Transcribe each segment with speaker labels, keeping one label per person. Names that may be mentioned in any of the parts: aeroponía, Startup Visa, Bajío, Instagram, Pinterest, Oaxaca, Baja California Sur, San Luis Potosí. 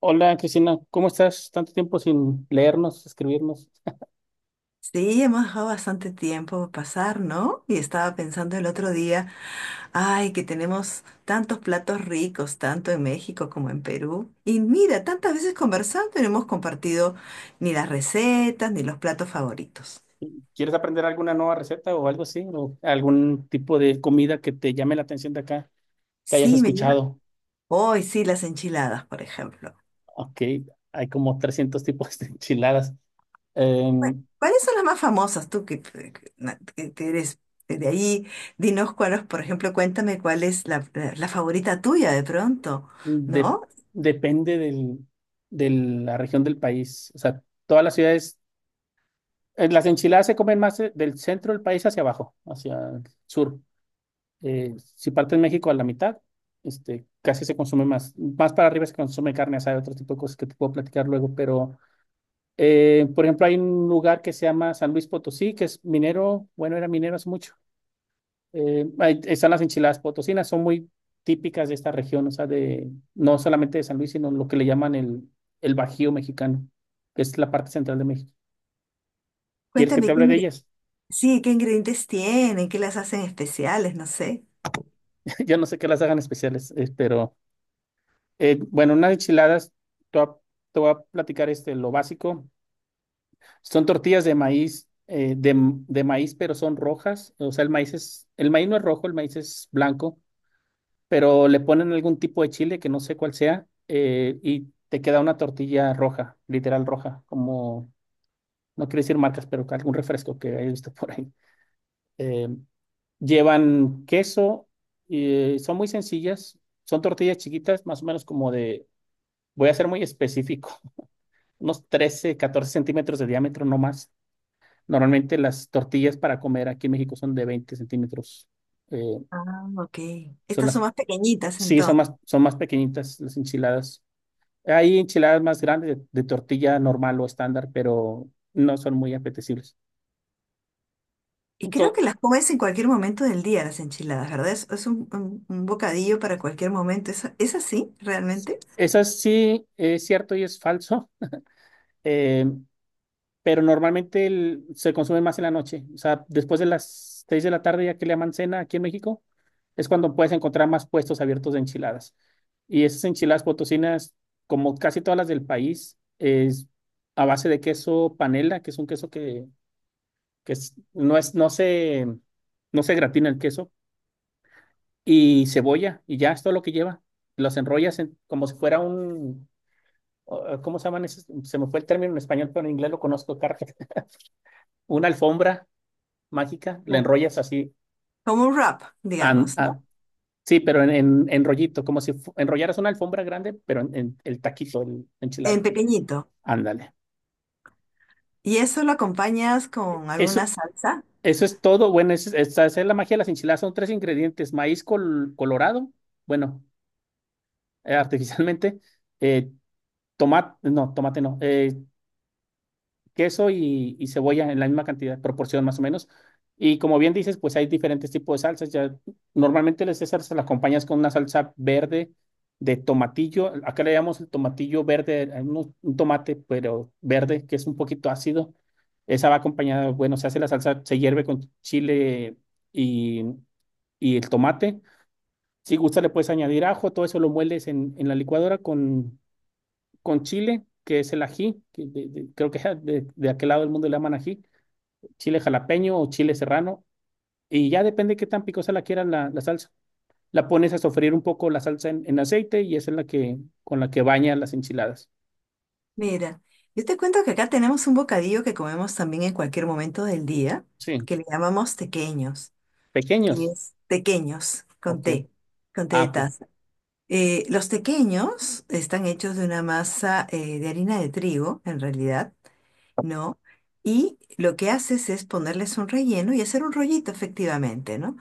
Speaker 1: Hola Cristina, ¿cómo estás? Tanto tiempo sin leernos, escribirnos.
Speaker 2: Sí, hemos dejado bastante tiempo pasar, ¿no? Y estaba pensando el otro día, ay, que tenemos tantos platos ricos, tanto en México como en Perú. Y mira, tantas veces conversando y no hemos compartido ni las recetas ni los platos favoritos.
Speaker 1: ¿Quieres aprender alguna nueva receta o algo así? ¿O algún tipo de comida que te llame la atención de acá, que hayas
Speaker 2: Sí, me llama.
Speaker 1: escuchado?
Speaker 2: Hoy sí, las enchiladas, por ejemplo.
Speaker 1: Ok, hay como 300 tipos de enchiladas.
Speaker 2: Bueno,
Speaker 1: Em,
Speaker 2: ¿cuáles son las más famosas, tú que eres de ahí? Dinos cuáles, por ejemplo, cuéntame cuál es la favorita tuya de pronto,
Speaker 1: de-
Speaker 2: ¿no?
Speaker 1: Depende de la región del país. O sea, todas las ciudades, las enchiladas se comen más del centro del país hacia abajo, hacia el sur. Si partes México a la mitad, casi se consume más. Más para arriba se consume carne asada, otro tipo de cosas que te puedo platicar luego, pero, por ejemplo, hay un lugar que se llama San Luis Potosí, que es minero, bueno, era minero hace mucho. Ahí están las enchiladas potosinas, son muy típicas de esta región, o sea, no solamente de San Luis, sino lo que le llaman el Bajío mexicano, que es la parte central de México. ¿Quieres que te
Speaker 2: Cuéntame
Speaker 1: hable de
Speaker 2: qué.
Speaker 1: ellas?
Speaker 2: Sí, ¿qué ingredientes tienen? ¿Qué las hacen especiales? No sé.
Speaker 1: Yo no sé qué las hagan especiales. Bueno, unas enchiladas, te voy a, te voy a platicar lo básico. Son tortillas de maíz, de maíz, pero son rojas. O sea, el maíz no es rojo, el maíz es blanco, pero le ponen algún tipo de chile que no sé cuál sea, y te queda una tortilla roja, literal roja, como, no quiero decir marcas, pero algún refresco que he visto por ahí. Eh, Llevan queso, y son muy sencillas, son tortillas chiquitas, más o menos como voy a ser muy específico. Unos 13 14 centímetros de diámetro, no más. Normalmente las tortillas para comer aquí en México son de 20 centímetros. Eh,
Speaker 2: Ah, ok.
Speaker 1: son
Speaker 2: Estas
Speaker 1: las,
Speaker 2: son más pequeñitas
Speaker 1: sí,
Speaker 2: entonces.
Speaker 1: son más pequeñitas las enchiladas. Hay enchiladas más grandes de tortilla normal o estándar, pero no son muy apetecibles.
Speaker 2: Y creo
Speaker 1: Entonces,
Speaker 2: que las comes en cualquier momento del día, las enchiladas, ¿verdad? Es un bocadillo para cualquier momento. ¿Es así realmente?
Speaker 1: eso sí es cierto y es falso. Eh, pero normalmente se consume más en la noche. O sea, después de las 6 de la tarde, ya que le llaman cena aquí en México, es cuando puedes encontrar más puestos abiertos de enchiladas. Y esas enchiladas potosinas, como casi todas las del país, es a base de queso panela, que es un queso que, no es, no se gratina el queso, y cebolla, y ya es todo lo que lleva. Los enrollas como si fuera un, ¿cómo se llaman esos? Se me fue el término en español, pero en inglés lo conozco: carpet. Una alfombra mágica, la
Speaker 2: Claro.
Speaker 1: enrollas así.
Speaker 2: Como un wrap,
Speaker 1: an-
Speaker 2: digamos,
Speaker 1: a-
Speaker 2: ¿no?
Speaker 1: sí, pero en rollito, como si enrollaras una alfombra grande, pero en el taquito, el
Speaker 2: En
Speaker 1: enchilada.
Speaker 2: pequeñito.
Speaker 1: Ándale.
Speaker 2: ¿Y eso lo acompañas con alguna
Speaker 1: Eso,
Speaker 2: salsa?
Speaker 1: eso es todo. Bueno, esa es la magia de las enchiladas. Son tres ingredientes: maíz colorado, bueno, artificialmente, eh, tomate no, queso y cebolla en la misma cantidad, proporción más o menos. Y como bien dices, pues hay diferentes tipos de salsas. Ya, normalmente las César las acompañas con una salsa verde de tomatillo. Acá le llamamos el tomatillo verde, no, un tomate, pero verde, que es un poquito ácido. Esa va acompañada, bueno, se hace la salsa, se hierve con chile y, y el tomate. Si gusta, le puedes añadir ajo, todo eso lo mueles en la licuadora con chile, que es el ají, creo que de aquel lado del mundo le llaman ají, chile jalapeño o chile serrano, y ya depende qué tan picosa la quieran la salsa. La pones a sofreír un poco la salsa en aceite y esa es con la que baña las enchiladas.
Speaker 2: Mira, yo te cuento que acá tenemos un bocadillo que comemos también en cualquier momento del día,
Speaker 1: Sí,
Speaker 2: que le llamamos tequeños, que
Speaker 1: pequeños.
Speaker 2: es tequeños
Speaker 1: Ok.
Speaker 2: con té de
Speaker 1: Ah, ok.
Speaker 2: taza. Los tequeños están hechos de una masa de harina de trigo, en realidad, ¿no? Y lo que haces es ponerles un relleno y hacer un rollito, efectivamente, ¿no?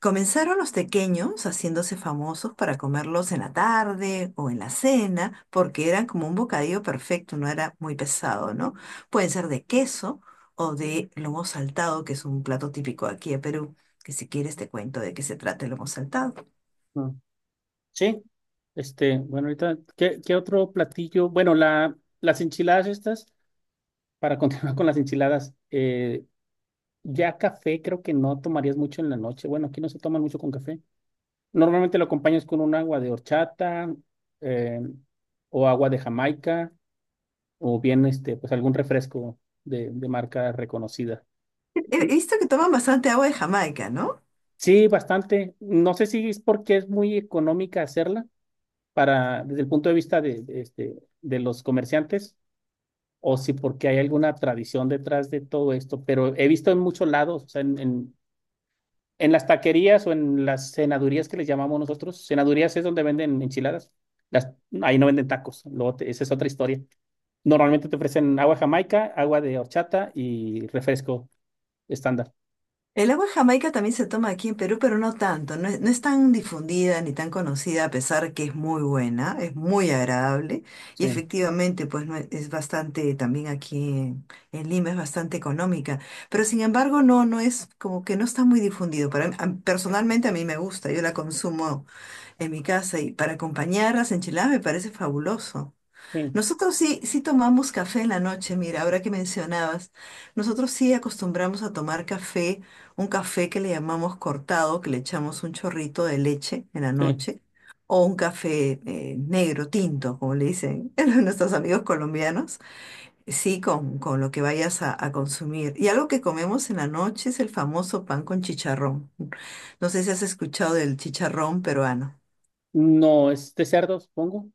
Speaker 2: Comenzaron los pequeños haciéndose famosos para comerlos en la tarde o en la cena, porque eran como un bocadillo perfecto, no era muy pesado, ¿no? Pueden ser de queso o de lomo saltado, que es un plato típico aquí de Perú, que si quieres te cuento de qué se trata el lomo saltado.
Speaker 1: Mm, sí. Este, bueno, ahorita, ¿qué otro platillo? Bueno, las enchiladas estas, para continuar con las enchiladas, ya café creo que no tomarías mucho en la noche. Bueno, aquí no se toman mucho con café. Normalmente lo acompañas con un agua de horchata eh, o agua de Jamaica o bien pues algún refresco de marca reconocida.
Speaker 2: He
Speaker 1: Mm,
Speaker 2: visto que toman bastante agua de Jamaica, ¿no?
Speaker 1: sí, bastante. No sé si es porque es muy económica hacerla desde el punto de vista de los comerciantes o si porque hay alguna tradición detrás de todo esto, pero he visto en muchos lados, o sea, en las taquerías o en las cenadurías que les llamamos nosotros, cenadurías es donde venden enchiladas. Las, Ahí no venden tacos, luego esa es otra historia. Normalmente te ofrecen agua jamaica, agua de horchata y refresco estándar.
Speaker 2: El agua de Jamaica también se toma aquí en Perú, pero no tanto. No es tan difundida ni tan conocida, a pesar que es muy buena, es muy agradable. Y
Speaker 1: Sí,
Speaker 2: efectivamente, pues no es, es bastante, también aquí en Lima es bastante económica. Pero sin embargo, no es como que no está muy difundido. Para mí- a- personalmente a mí me gusta, yo la consumo en mi casa, y para acompañar las enchiladas me parece fabuloso.
Speaker 1: sí,
Speaker 2: Nosotros sí, sí tomamos café en la noche. Mira, ahora que mencionabas, nosotros sí acostumbramos a tomar café, un café que le llamamos cortado, que le echamos un chorrito de leche en la
Speaker 1: sí.
Speaker 2: noche, o un café negro, tinto, como le dicen nuestros amigos colombianos, sí, con lo que vayas a consumir. Y algo que comemos en la noche es el famoso pan con chicharrón. No sé si has escuchado del chicharrón peruano.
Speaker 1: No, es de cerdo, supongo.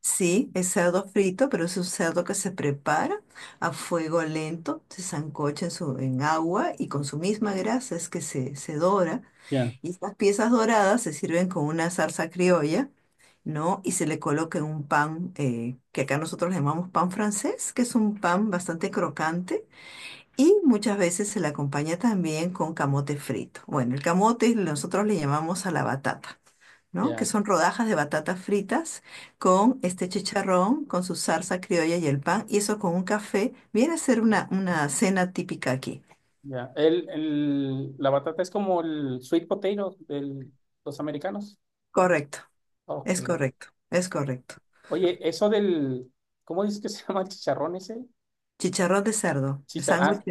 Speaker 2: Sí, es cerdo frito, pero es un cerdo que se prepara a fuego lento, se sancocha en, su, en agua, y con su misma grasa es que se dora.
Speaker 1: Ya,
Speaker 2: Y estas piezas doradas se sirven con una salsa criolla, ¿no? Y se le coloca en un pan que acá nosotros le llamamos pan francés, que es un pan bastante crocante. Y muchas veces se le acompaña también con camote frito. Bueno, el camote nosotros le llamamos a la batata, ¿no? Que
Speaker 1: ya,
Speaker 2: son rodajas de batatas fritas con este chicharrón, con su salsa criolla y el pan, y eso con un café, viene a ser una cena típica aquí.
Speaker 1: ya. La batata es como el sweet potato de los americanos.
Speaker 2: Correcto,
Speaker 1: Ok.
Speaker 2: es correcto, es correcto.
Speaker 1: Oye, eso ¿cómo dices que se llama el chicharrón ese?
Speaker 2: Chicharrón de cerdo, el
Speaker 1: Chicharrón.
Speaker 2: sándwich,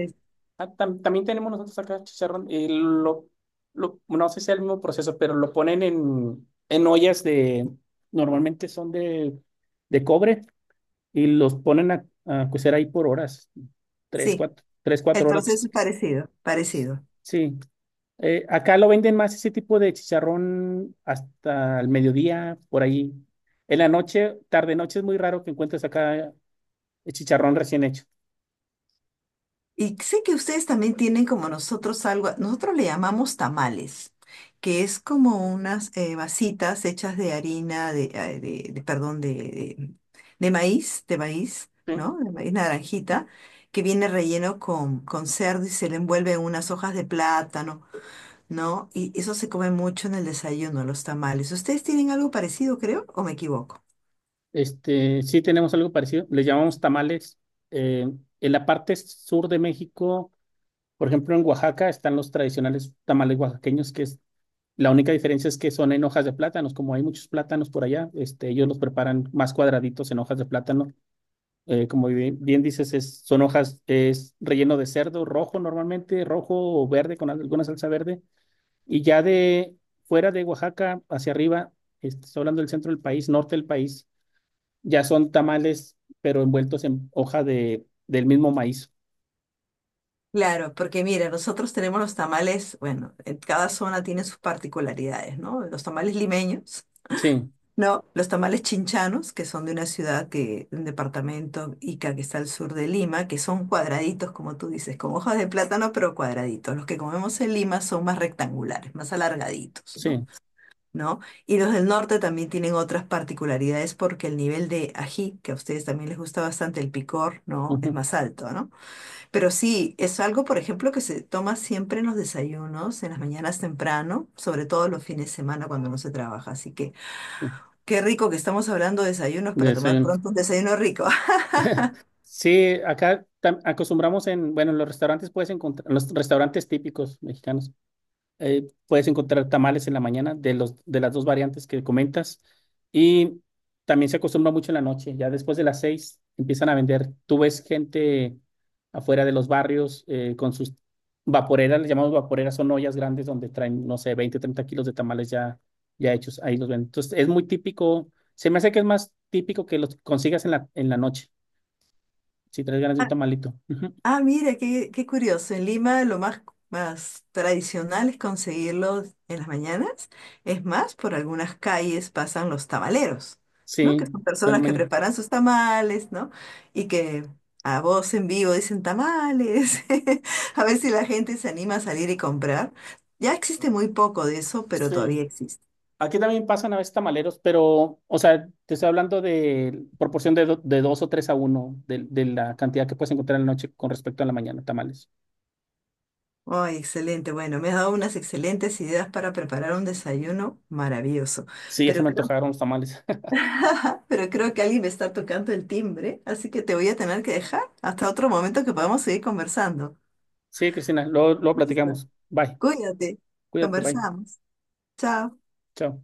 Speaker 1: Ah, también tenemos nosotros acá chicharrón. No sé si es el mismo proceso, pero lo ponen en ollas normalmente son de cobre y los ponen a cocer ahí por horas, 3,
Speaker 2: sí,
Speaker 1: 4, 3,
Speaker 2: el
Speaker 1: 4
Speaker 2: proceso
Speaker 1: horas.
Speaker 2: es parecido,
Speaker 1: Pues,
Speaker 2: parecido.
Speaker 1: sí. Acá lo venden más ese tipo de chicharrón hasta el mediodía, por ahí. En la noche, tarde noche es muy raro que encuentres acá el chicharrón recién hecho.
Speaker 2: Y sé que ustedes también tienen como nosotros algo, nosotros le llamamos tamales, que es como unas vasitas hechas de harina, de, perdón, de maíz, ¿no? De maíz naranjita, que viene relleno con cerdo y se le envuelve en unas hojas de plátano, ¿no? Y eso se come mucho en el desayuno, los tamales. ¿Ustedes tienen algo parecido, creo, o me equivoco?
Speaker 1: Sí tenemos algo parecido, les llamamos tamales. Eh, en la parte sur de México, por ejemplo, en Oaxaca están los tradicionales tamales oaxaqueños, que es la única diferencia es que son en hojas de plátanos, como hay muchos plátanos por allá, ellos los preparan más cuadraditos en hojas de plátano. Como bien dices, son hojas, es relleno de cerdo rojo normalmente, rojo o verde con alguna salsa verde. Y ya de fuera de Oaxaca hacia arriba, estoy hablando del centro del país, norte del país ya son tamales, pero envueltos en hoja del mismo maíz.
Speaker 2: Claro, porque mira, nosotros tenemos los tamales, bueno, en cada zona tiene sus particularidades, ¿no? Los tamales limeños,
Speaker 1: Sí,
Speaker 2: ¿no? Los tamales chinchanos, que son de una ciudad que, un departamento Ica que está al sur de Lima, que son cuadraditos, como tú dices, con hojas de plátano, pero cuadraditos. Los que comemos en Lima son más rectangulares, más alargaditos, ¿no?
Speaker 1: sí.
Speaker 2: ¿No? Y los del norte también tienen otras particularidades porque el nivel de ají, que a ustedes también les gusta bastante el picor, ¿no? Es
Speaker 1: Ujú,
Speaker 2: más alto, ¿no? Pero sí, es algo, por ejemplo, que se toma siempre en los desayunos, en las mañanas temprano, sobre todo los fines de semana cuando no se trabaja. Así que
Speaker 1: sí,
Speaker 2: qué rico que estamos hablando de desayunos
Speaker 1: de
Speaker 2: para tomar
Speaker 1: desayuno.
Speaker 2: pronto un desayuno rico.
Speaker 1: Sí, acá acostumbramos bueno, en los restaurantes puedes encontrar, en los restaurantes típicos mexicanos, puedes encontrar tamales en la mañana de las dos variantes que comentas. Y también se acostumbra mucho en la noche. Ya después de las 6 empiezan a vender. Tú ves gente afuera de los barrios con sus vaporeras, les llamamos vaporeras, son ollas grandes donde traen, no sé, 20 30 kilos de tamales ya hechos. Ahí los venden. Entonces es muy típico. Se me hace que es más típico que los consigas en la noche, si traes ganas de un tamalito. Ujú.
Speaker 2: Ah, mira, qué, qué curioso. En Lima lo más, más tradicional es conseguirlo en las mañanas. Es más, por algunas calles pasan los tamaleros, ¿no? Que
Speaker 1: Sí,
Speaker 2: son
Speaker 1: de la
Speaker 2: personas que
Speaker 1: mañana.
Speaker 2: preparan sus tamales, ¿no? Y que a voz en vivo dicen tamales. A ver si la gente se anima a salir y comprar. Ya existe muy poco de eso, pero
Speaker 1: Sí.
Speaker 2: todavía existe.
Speaker 1: Aquí también pasan a veces tamaleros, pero, o sea, te estoy hablando de proporción de 2 o 3 a uno de la cantidad que puedes encontrar en la noche con respecto a la mañana, tamales.
Speaker 2: Ay, excelente. Bueno, me has dado unas excelentes ideas para preparar un desayuno maravilloso.
Speaker 1: Sí, ya se
Speaker 2: Pero
Speaker 1: me antojaron los tamales.
Speaker 2: pero creo que alguien me está tocando el timbre, así que te voy a tener que dejar hasta otro momento que podamos seguir conversando.
Speaker 1: Sí, Cristina, luego, luego
Speaker 2: Listo.
Speaker 1: platicamos. Bye,
Speaker 2: Cuídate.
Speaker 1: cuídate, bye.
Speaker 2: Conversamos. Chao.
Speaker 1: Chao.